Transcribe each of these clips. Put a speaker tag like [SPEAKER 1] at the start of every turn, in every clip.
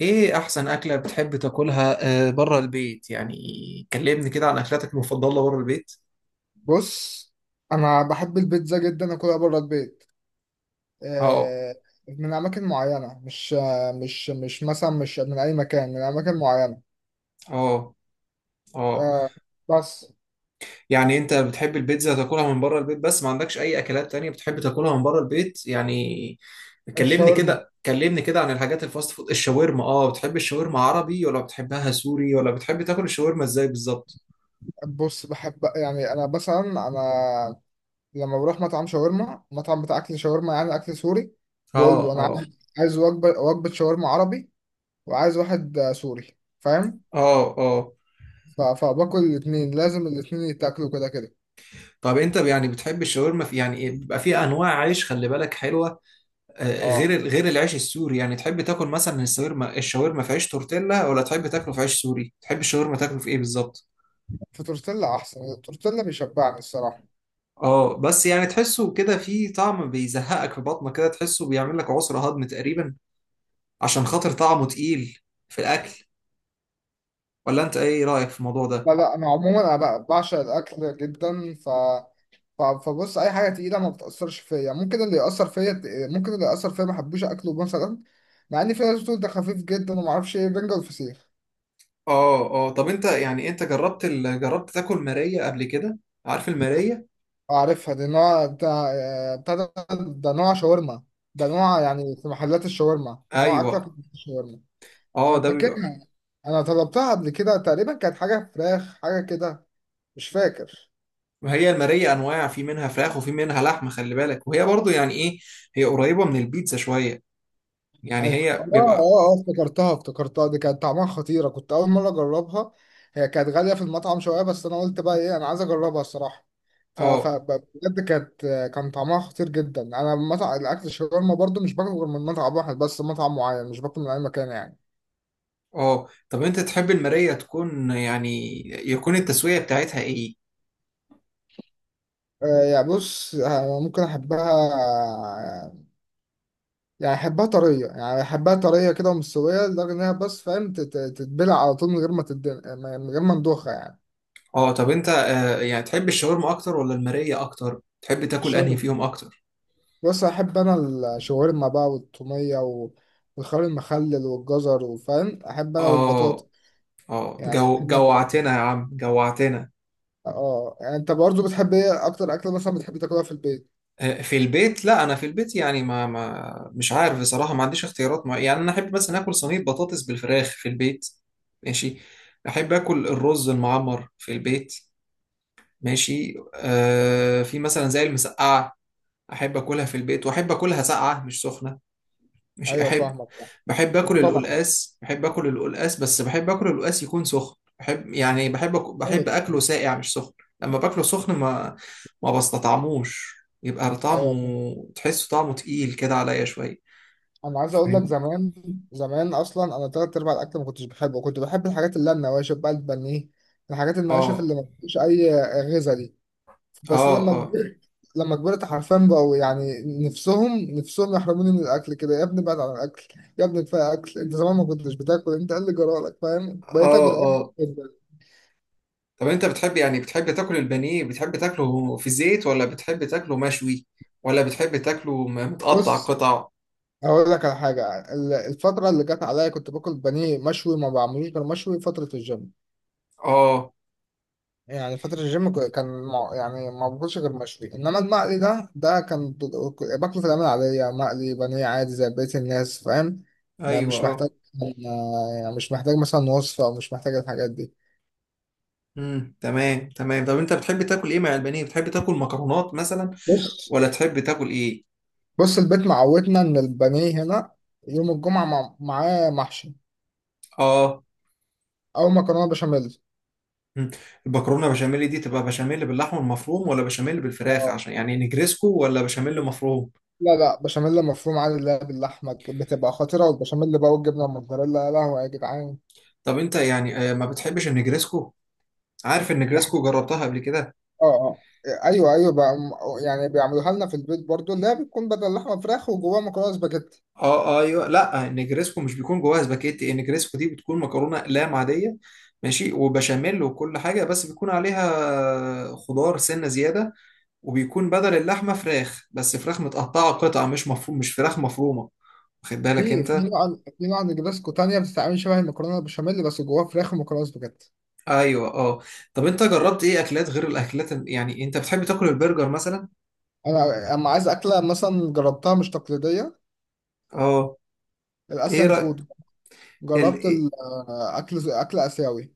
[SPEAKER 1] ايه احسن اكلة بتحب تاكلها بره البيت يعني. كلمني كده عن اكلاتك المفضلة بره البيت.
[SPEAKER 2] بص، انا بحب البيتزا جدا اكلها بره البيت،
[SPEAKER 1] اه،
[SPEAKER 2] آه، من اماكن معينه. مش مثلا مش من اي مكان، من اماكن معينه.
[SPEAKER 1] اه، اه.
[SPEAKER 2] آه، بس.
[SPEAKER 1] يعني انت بتحب البيتزا تاكلها من بره البيت، بس ما عندكش اي اكلات تانية بتحب تاكلها من بره البيت يعني؟ كلمني
[SPEAKER 2] الشاورما،
[SPEAKER 1] كده كلمني كده عن الحاجات الفاست فود الشاورما. اه بتحب الشاورما عربي ولا بتحبها سوري ولا بتحب تاكل الشاورما ازاي بالظبط؟
[SPEAKER 2] بص بحب يعني انا مثلا، انا لما بروح مطعم شاورما، مطعم بتاع اكل شاورما يعني اكل سوري، بقول
[SPEAKER 1] اه،
[SPEAKER 2] له انا
[SPEAKER 1] اه،
[SPEAKER 2] عايز وجبه شاورما عربي، وعايز واحد سوري، فاهم؟
[SPEAKER 1] اه، اه.
[SPEAKER 2] ف- فباكل الاثنين، لازم الاثنين يتاكلوا كده كده.
[SPEAKER 1] طب انت يعني بتحب الشاورما في يعني إيه؟ بيبقى فيها انواع عيش خلي بالك حلوة.
[SPEAKER 2] اه،
[SPEAKER 1] غير العيش السوري، يعني تحب تاكل مثلا الشاورما في عيش تورتيلا ولا تحب تاكله في عيش سوري؟ تحب الشاورما تاكله في ايه بالظبط؟
[SPEAKER 2] في تورتيلا احسن. التورتيلا بيشبعني الصراحه.
[SPEAKER 1] اه، بس يعني تحسه كده فيه طعم بيزهقك في بطنك كده، تحسه بيعمل لك عسر هضم تقريبا. عشان خاطر طعمه تقيل في الاكل. ولا انت ايه رايك في الموضوع ده؟
[SPEAKER 2] لا، انا عموما بقى بعشق الاكل جدا. ف ف- فبص اي حاجه تقيله ما بتاثرش فيا. ممكن اللي ياثر فيا ما احبوش اكله مثلا. مع ان في ناس بتقول ده خفيف جدا وما اعرفش ايه، بنجر، الفسيخ.
[SPEAKER 1] اه، اه. طب انت يعني انت جربت تاكل مارية قبل كده؟ عارف المارية؟
[SPEAKER 2] اعرفها دي، نوع بتاع بتاع ده ده نوع شاورما. ده نوع يعني في محلات الشاورما، نوع
[SPEAKER 1] ايوه،
[SPEAKER 2] اكله في محلات الشاورما.
[SPEAKER 1] اه،
[SPEAKER 2] انا
[SPEAKER 1] ده بيبقى.
[SPEAKER 2] فاكرها، انا طلبتها قبل كده. تقريبا كانت حاجه فراخ، حاجه كده، مش فاكر.
[SPEAKER 1] ما هي المارية انواع، في منها فراخ وفي منها لحمة خلي بالك، وهي برضو يعني ايه. هي قريبة من البيتزا شوية. يعني
[SPEAKER 2] ايوه،
[SPEAKER 1] هي بيبقى.
[SPEAKER 2] افتكرتها دي. كانت طعمها خطيرة، كنت أول مرة أجربها. هي كانت غالية في المطعم شوية، بس أنا قلت بقى إيه، أنا عايز أجربها الصراحة.
[SPEAKER 1] اه،
[SPEAKER 2] بجد كانت، كان طعمها خطير جدا. أنا مطعم الأكل الشاورما برضو مش باكل غير من مطعم واحد بس، مطعم معين، مش باكل من أي مكان يعني.
[SPEAKER 1] اه. طب انت تحب المراية تكون يعني يكون التسوية بتاعتها ايه؟
[SPEAKER 2] يعني بص، ممكن أحبها، يعني أحبها طرية. كده، ومستوية لدرجة إنها، بس فاهم، تتبلع على طول من غير ما تدن، من غير ما ندوخها يعني.
[SPEAKER 1] اه. طب انت يعني تحب الشاورما اكتر ولا المراية اكتر؟ تحب تاكل انهي
[SPEAKER 2] الشاورما،
[SPEAKER 1] فيهم اكتر؟
[SPEAKER 2] بص احب انا الشاورما بقى، والطوميه والخيار المخلل والجزر، وفاهم احب انا، والبطاطا.
[SPEAKER 1] اه، اه.
[SPEAKER 2] يعني احب اكل أكل.
[SPEAKER 1] جوعتنا يا عم، جوعتنا.
[SPEAKER 2] اه، يعني انت برضو بتحب ايه اكتر اكله مثلا بتحب تاكلها في البيت؟
[SPEAKER 1] في البيت. لا انا في البيت يعني، ما مش عارف بصراحة، ما عنديش اختيارات يعني انا احب مثلا اكل صينية بطاطس بالفراخ في البيت. ماشي. احب اكل الرز المعمر في البيت. ماشي. في مثلا زي المسقعة. احب اكلها في البيت، واحب اكلها ساقعه مش سخنه. مش
[SPEAKER 2] ايوه
[SPEAKER 1] احب.
[SPEAKER 2] فاهمك. فاهم،
[SPEAKER 1] بحب اكل
[SPEAKER 2] طبعا.
[SPEAKER 1] القلقاس بحب اكل القلقاس بس بحب اكل القلقاس يكون سخن. بحب يعني بحب أك-
[SPEAKER 2] ايوه
[SPEAKER 1] بحب
[SPEAKER 2] طبعا.
[SPEAKER 1] اكله ساقع مش سخن. لما باكله سخن ما بستطعموش. يبقى
[SPEAKER 2] ايوه فاهم.
[SPEAKER 1] طعمه، تحسه طعمه تقيل كده عليا شويه.
[SPEAKER 2] انا عايز اقول لك،
[SPEAKER 1] فاهمني؟
[SPEAKER 2] زمان اصلا انا تلات ارباع الاكل ما كنتش بحبه. كنت بحب الحاجات اللي هي النواشف بقى، البانيه، الحاجات النواشف
[SPEAKER 1] اه،
[SPEAKER 2] اللي ما فيش اي غذاء. بس
[SPEAKER 1] اه،
[SPEAKER 2] لما
[SPEAKER 1] اه،
[SPEAKER 2] كبرت، حرفيا بقوا يعني نفسهم يحرموني من الاكل كده. يا ابني بعد عن الاكل، يا ابني كفايه اكل انت، زمان ما كنتش بتاكل، انت إيه اللي جرالك، فاهم؟ بقيت
[SPEAKER 1] اه،
[SPEAKER 2] اكل اكل
[SPEAKER 1] اه.
[SPEAKER 2] جداً.
[SPEAKER 1] طب انت بتحب تاكل البانيه. بتحب تاكله في زيت ولا بتحب تاكله مشوي ولا بتحب تاكله متقطع
[SPEAKER 2] بص،
[SPEAKER 1] قطع؟
[SPEAKER 2] هقول لك على حاجه، الفتره اللي جت عليا كنت باكل بانيه مشوي، ما بعملوش غير مشوي، فتره الجيم.
[SPEAKER 1] اه،
[SPEAKER 2] يعني فترة الجيم يعني ما باكلش غير مشوي. انما المقلي ده، كان باكله في الأيام العادية مقلي، بانيه عادي زي بقية الناس، فاهم؟ ما
[SPEAKER 1] ايوه،
[SPEAKER 2] مش محتاج
[SPEAKER 1] اه.
[SPEAKER 2] يعني مش محتاج مثلا وصفة، او مش محتاج الحاجات دي.
[SPEAKER 1] تمام، تمام. طب انت بتحب تاكل ايه مع البانيه؟ بتحب تاكل مكرونات مثلا؟
[SPEAKER 2] بص،
[SPEAKER 1] ولا تحب تاكل ايه؟
[SPEAKER 2] البيت معودنا ان البانيه هنا يوم الجمعة معاه محشي
[SPEAKER 1] اه،
[SPEAKER 2] او مكرونة بشاميل.
[SPEAKER 1] مم. المكرونه بشاميل دي تبقى بشاميل باللحمه المفروم، ولا بشاميل بالفراخ
[SPEAKER 2] اه،
[SPEAKER 1] عشان يعني نجريسكو، ولا بشاميل مفروم؟
[SPEAKER 2] لا بشاميل مفروم عادي. اللي هي باللحمة بتبقى خطيرة، والبشاميل بقى والجبنة الموتزاريلا، يا لهوي يا جدعان.
[SPEAKER 1] طب انت يعني ما بتحبش النجريسكو؟ عارف النجريسكو، جربتها قبل كده؟
[SPEAKER 2] اه اه، ايوه ايوه بقى. يعني بيعملوها لنا في البيت برضو، اللي هي بتكون بدل لحمه فراخ، وجواها مكرونه سباجيتي.
[SPEAKER 1] اه، ايوه. لا، النجريسكو مش بيكون جواها سباكيتي. النجريسكو دي بتكون مكرونه اقلام عاديه. ماشي، وبشاميل وكل حاجه، بس بيكون عليها خضار سنه زياده. وبيكون بدل اللحمة فراخ، بس فراخ متقطعة قطع، مش مفروم، مش فراخ مفرومة. واخد بالك
[SPEAKER 2] في
[SPEAKER 1] انت؟
[SPEAKER 2] نوع، في نوع نجرسكو تانية بتتعمل شبه المكرونه البشاميل، بس جواها فراخ ومكرونه سباجيتي.
[SPEAKER 1] ايوه، اه. طب انت جربت ايه اكلات غير الاكلات يعني انت بتحب تاكل البرجر مثلا؟
[SPEAKER 2] انا اما عايز اكله مثلا جربتها مش تقليديه،
[SPEAKER 1] اه، ايه
[SPEAKER 2] الاسيان
[SPEAKER 1] رأي.
[SPEAKER 2] فود.
[SPEAKER 1] ال...
[SPEAKER 2] جربت
[SPEAKER 1] إيه-
[SPEAKER 2] الاكل، اكل اسيوي.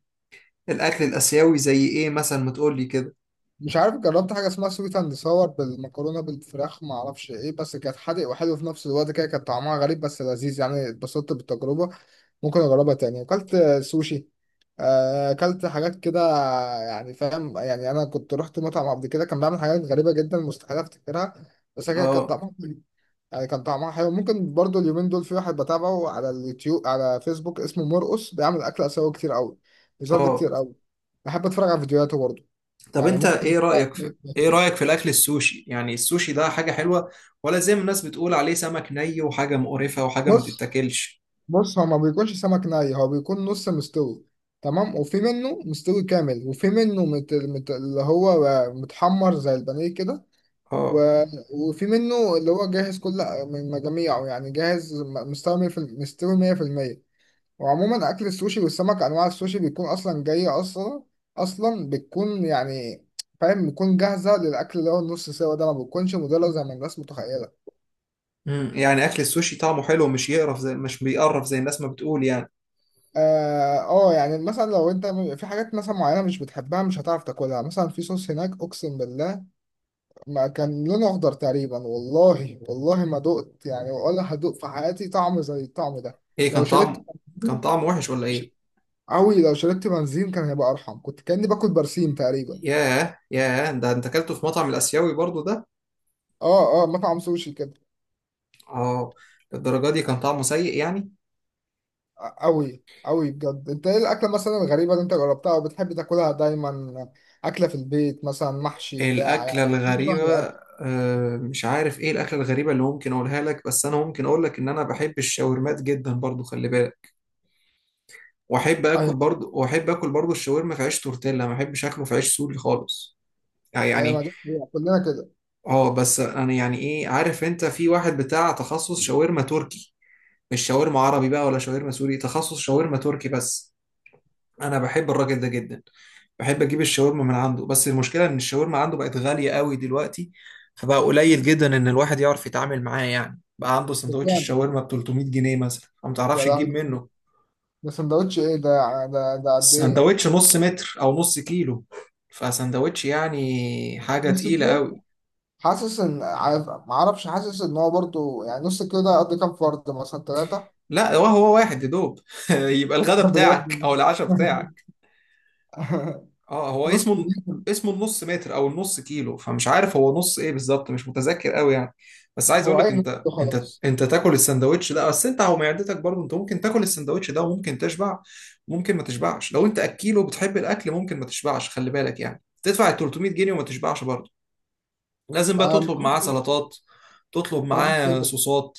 [SPEAKER 1] الاكل الاسيوي زي ايه مثلا؟ ما تقول لي كده.
[SPEAKER 2] مش عارف، جربت حاجه اسمها سويت اند صور بالمكرونه بالفراخ، ما اعرفش ايه، بس كانت حادق وحلو في نفس الوقت كده. كان طعمها غريب بس لذيذ، يعني اتبسطت بالتجربه، ممكن اجربها تاني. اكلت سوشي، اكلت حاجات كده يعني، فاهم؟ يعني انا كنت رحت مطعم قبل كده كان بيعمل حاجات غريبه جدا، مستحيل افتكرها. بس هي كانت
[SPEAKER 1] اه،
[SPEAKER 2] طعمها، يعني كان طعمها حلو. ممكن برضو اليومين دول في واحد بتابعه على اليوتيوب على فيسبوك اسمه مرقص، بيعمل اكل اسيوي كتير قوي، بيظهر لي
[SPEAKER 1] اه.
[SPEAKER 2] كتير قوي. بحب اتفرج على فيديوهاته برضو.
[SPEAKER 1] طب
[SPEAKER 2] يعني
[SPEAKER 1] انت
[SPEAKER 2] ممكن.
[SPEAKER 1] ايه رأيك في الاكل السوشي؟ يعني السوشي ده حاجة حلوة؟ ولا زي ما الناس بتقول عليه سمك ني وحاجة مقرفة وحاجة ما
[SPEAKER 2] بص،
[SPEAKER 1] تتاكلش؟
[SPEAKER 2] هو ما بيكونش سمك ني، هو بيكون نص مستوي. تمام، وفي منه مستوي كامل، وفي منه اللي هو متحمر زي البانيه كده. و...
[SPEAKER 1] اه،
[SPEAKER 2] وفي منه اللي هو جاهز كل من مجاميعه، يعني جاهز مستوي مية في مستوي 100%. وعموما اكل السوشي والسمك، انواع السوشي بيكون اصلا جاية، اصلا بتكون يعني، فاهم، بتكون جاهزة للاكل. اللي هو النص سوا ده ما بتكونش مدلة زي ما الناس متخيلة.
[SPEAKER 1] مم. يعني اكل السوشي طعمه حلو، مش يقرف، زي مش بيقرف زي الناس ما بتقول يعني.
[SPEAKER 2] اه، يعني مثلا لو انت، في حاجات مثلا معينه مش بتحبها مش هتعرف تاكلها. مثلا في صوص هناك، اقسم بالله ما كان لونه اخضر تقريبا، والله ما دقت يعني ولا هدوق في حياتي طعم زي الطعم ده.
[SPEAKER 1] ايه
[SPEAKER 2] لو شربت
[SPEAKER 1] كان
[SPEAKER 2] بنزين،
[SPEAKER 1] طعمه وحش ولا ايه؟
[SPEAKER 2] قوي. لو شربت بنزين كان هيبقى ارحم، كنت كاني باكل برسيم تقريبا.
[SPEAKER 1] ياه، ياه، ده انت اكلته في مطعم الاسيوي برضو ده؟
[SPEAKER 2] اه اه، مطعم سوشي كده.
[SPEAKER 1] اه، للدرجه دي كان طعمه سيء يعني؟
[SPEAKER 2] قوي قوي بجد. انت ايه الاكله مثلا الغريبه اللي انت جربتها وبتحب تاكلها دايما؟ اكله في البيت مثلا محشي بتاع
[SPEAKER 1] الاكله الغريبه؟ مش عارف ايه الاكله الغريبه اللي ممكن اقولها لك، بس انا ممكن اقول لك ان انا بحب الشاورمات جدا برضو خلي بالك. واحب اكل
[SPEAKER 2] يعني.
[SPEAKER 1] برضو واحب اكل برضو الشاورما في عيش تورتيلا، ما بحبش اكله في عيش سوري خالص
[SPEAKER 2] ايوه ما
[SPEAKER 1] يعني.
[SPEAKER 2] دي حقيقة، كلنا كده.
[SPEAKER 1] اه، بس انا يعني ايه، عارف انت في واحد بتاع تخصص شاورما تركي. مش شاورما عربي بقى ولا شاورما سوري، تخصص شاورما تركي بس. انا بحب الراجل ده جدا. بحب اجيب الشاورما من عنده، بس المشكلة ان الشاورما عنده بقت غالية قوي دلوقتي. فبقى قليل جدا ان الواحد يعرف يتعامل معاه، يعني بقى عنده سندوتش
[SPEAKER 2] بجد؟
[SPEAKER 1] الشاورما ب 300 جنيه مثلا، فما
[SPEAKER 2] يا
[SPEAKER 1] تعرفش تجيب
[SPEAKER 2] لهوي،
[SPEAKER 1] منه.
[SPEAKER 2] ده سندوتش ايه ده؟ ده قد ايه؟
[SPEAKER 1] السندوتش نص متر او نص كيلو، فسندوتش يعني حاجة
[SPEAKER 2] نص
[SPEAKER 1] تقيلة
[SPEAKER 2] كيلو؟
[SPEAKER 1] قوي.
[SPEAKER 2] حاسس ان، عارف، ما اعرفش، حاسس ان هو برضه يعني نص كيلو ده قد كام فرد، مثلا ثلاثة؟
[SPEAKER 1] لا، هو واحد يا دوب يبقى الغدا
[SPEAKER 2] بجد؟
[SPEAKER 1] بتاعك او العشاء بتاعك. اه، هو
[SPEAKER 2] نص
[SPEAKER 1] اسمه
[SPEAKER 2] كيلو.
[SPEAKER 1] اسمه النص متر او النص كيلو، فمش عارف هو نص ايه بالظبط، مش متذكر قوي يعني. بس عايز اقول
[SPEAKER 2] هو
[SPEAKER 1] لك
[SPEAKER 2] اي نص
[SPEAKER 1] انت
[SPEAKER 2] كيلو،
[SPEAKER 1] انت
[SPEAKER 2] خلاص.
[SPEAKER 1] انت تاكل السندوتش ده، بس انت هو معدتك برضه انت ممكن تاكل السندوتش ده وممكن تشبع. وممكن ما تشبعش. لو انت اكيل وبتحب الاكل ممكن ما تشبعش خلي بالك، يعني تدفع ال 300 جنيه وما تشبعش برضه. لازم بقى
[SPEAKER 2] ما
[SPEAKER 1] تطلب معاه سلطات. تطلب
[SPEAKER 2] ما زدت
[SPEAKER 1] معاه
[SPEAKER 2] كده.
[SPEAKER 1] صوصات.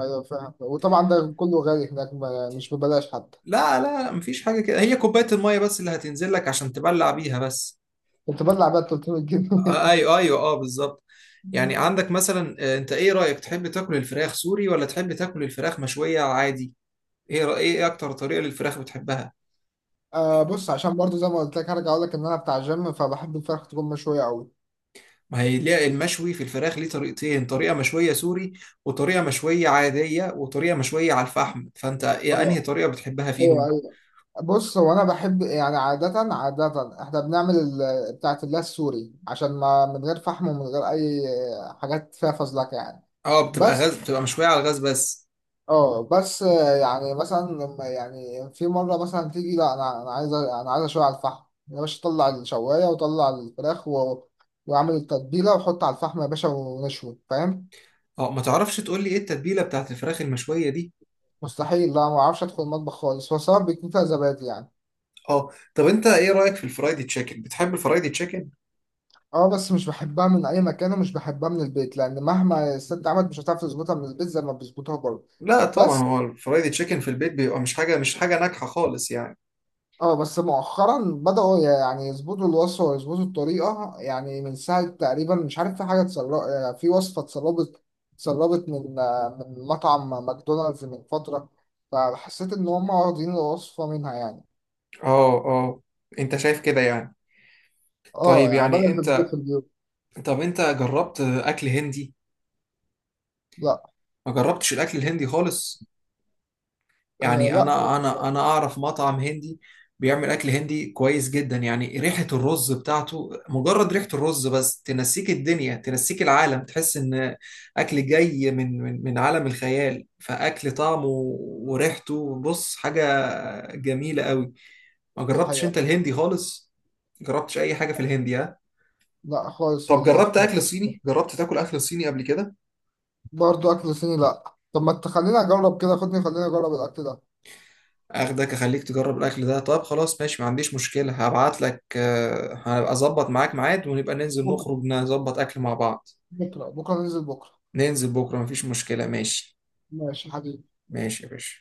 [SPEAKER 2] ايوه فاهم، وطبعا ده كله غالي هناك، مش ببلاش حتى.
[SPEAKER 1] لا، لا، مفيش حاجة كده، هي كوباية المية بس اللي هتنزل لك عشان تبلع بيها بس.
[SPEAKER 2] كنت بلع بقى 300 جنيه؟
[SPEAKER 1] ايوه، ايوه، اه، بالظبط. يعني عندك مثلا انت ايه رأيك، تحب تاكل الفراخ سوري ولا تحب تاكل الفراخ مشوية عادي؟ ايه اكتر طريقة للفراخ بتحبها؟
[SPEAKER 2] آه بص، عشان برضه زي ما قلت لك هرجع اقول لك ان انا بتاع جيم، فبحب الفراخ تكون مشوية قوي.
[SPEAKER 1] ما هي ليه المشوي في الفراخ ليه طريقتين، طريقة مشوية سوري وطريقة مشوية عادية وطريقة مشوية على الفحم، فانت ايه انهي
[SPEAKER 2] اه
[SPEAKER 1] طريقة بتحبها
[SPEAKER 2] ايوه
[SPEAKER 1] فيهم؟
[SPEAKER 2] ايوه. بص، هو انا بحب يعني عادة، احنا بنعمل بتاعة الله السوري، عشان ما من غير فحم ومن غير اي حاجات فيها فزلكة يعني.
[SPEAKER 1] اه، بتبقى
[SPEAKER 2] بس.
[SPEAKER 1] غاز، بتبقى مشوية على الغاز بس.
[SPEAKER 2] اه، بس. يعني مثلا لما يعني في مرة مثلا تيجي، لا انا، عايز اشوي على الفحم يا باشا، طلع الشواية وطلع الفراخ واعمل التتبيلة وحط على الفحم يا باشا، ونشوي فاهم.
[SPEAKER 1] اه، ما تعرفش تقول لي ايه التتبيلة بتاعت الفراخ المشوية دي؟
[SPEAKER 2] مستحيل، لا ما اعرفش ادخل المطبخ خالص. هو سواء بيكون فيها زبادي يعني.
[SPEAKER 1] اه، طب انت ايه رايك في الفرايدي تشيكن، بتحب الفرايدي تشيكن؟
[SPEAKER 2] اه بس، مش بحبها من اي مكان ومش بحبها من البيت، لان مهما الست عملت مش هتعرف تظبطها من البيت زي ما بيظبطوها بره.
[SPEAKER 1] لا طبعا،
[SPEAKER 2] بس.
[SPEAKER 1] هو الفرايدي تشيكن في البيت بيبقى مش حاجه ناجحه خالص يعني.
[SPEAKER 2] اه بس مؤخرا بدأوا يعني يظبطوا الوصفة ويظبطوا الطريقة، يعني من ساعة تقريبا مش عارف في حاجة اتسربت، يعني في وصفة اتسربت، اتسربت من من مطعم ماكدونالدز من فترة. فحسيت ان هم واخدين الوصفة منها يعني.
[SPEAKER 1] اه، اه، انت شايف كده يعني؟
[SPEAKER 2] اه
[SPEAKER 1] طيب
[SPEAKER 2] يعني
[SPEAKER 1] يعني
[SPEAKER 2] بدأت تظبط
[SPEAKER 1] انت
[SPEAKER 2] في البيوت.
[SPEAKER 1] طب انت جربت اكل هندي؟
[SPEAKER 2] لا.
[SPEAKER 1] ما جربتش الاكل الهندي خالص؟
[SPEAKER 2] آه
[SPEAKER 1] يعني
[SPEAKER 2] لا
[SPEAKER 1] انا اعرف مطعم هندي. بيعمل اكل هندي كويس جدا، يعني ريحة الرز بتاعته، مجرد ريحة الرز بس تنسيك الدنيا، تنسيك العالم، تحس ان اكل جاي من عالم الخيال، فاكل طعمه وريحته بص حاجة جميلة قوي. ما
[SPEAKER 2] دي
[SPEAKER 1] جربتش
[SPEAKER 2] حقيقة.
[SPEAKER 1] انت الهندي خالص؟ جربتش اي حاجة في الهندي، ها؟
[SPEAKER 2] لا خالص
[SPEAKER 1] طب
[SPEAKER 2] والله.
[SPEAKER 1] جربت تاكل اكل صيني قبل كده؟
[SPEAKER 2] برضه اكل صيني لا، طب ما تخليني اجرب كده، خدني خليني اجرب الاكل ده.
[SPEAKER 1] اخدك اخليك تجرب الاكل ده. طب خلاص ماشي، ما عنديش مشكلة. هبعت لك آه، هبقى اظبط معاك ميعاد، ونبقى ننزل
[SPEAKER 2] بكره،
[SPEAKER 1] نخرج نظبط اكل مع بعض.
[SPEAKER 2] بكره ننزل بكره.
[SPEAKER 1] ننزل بكرة، مفيش مشكلة، ماشي.
[SPEAKER 2] ماشي حبيبي.
[SPEAKER 1] ماشي يا باشا.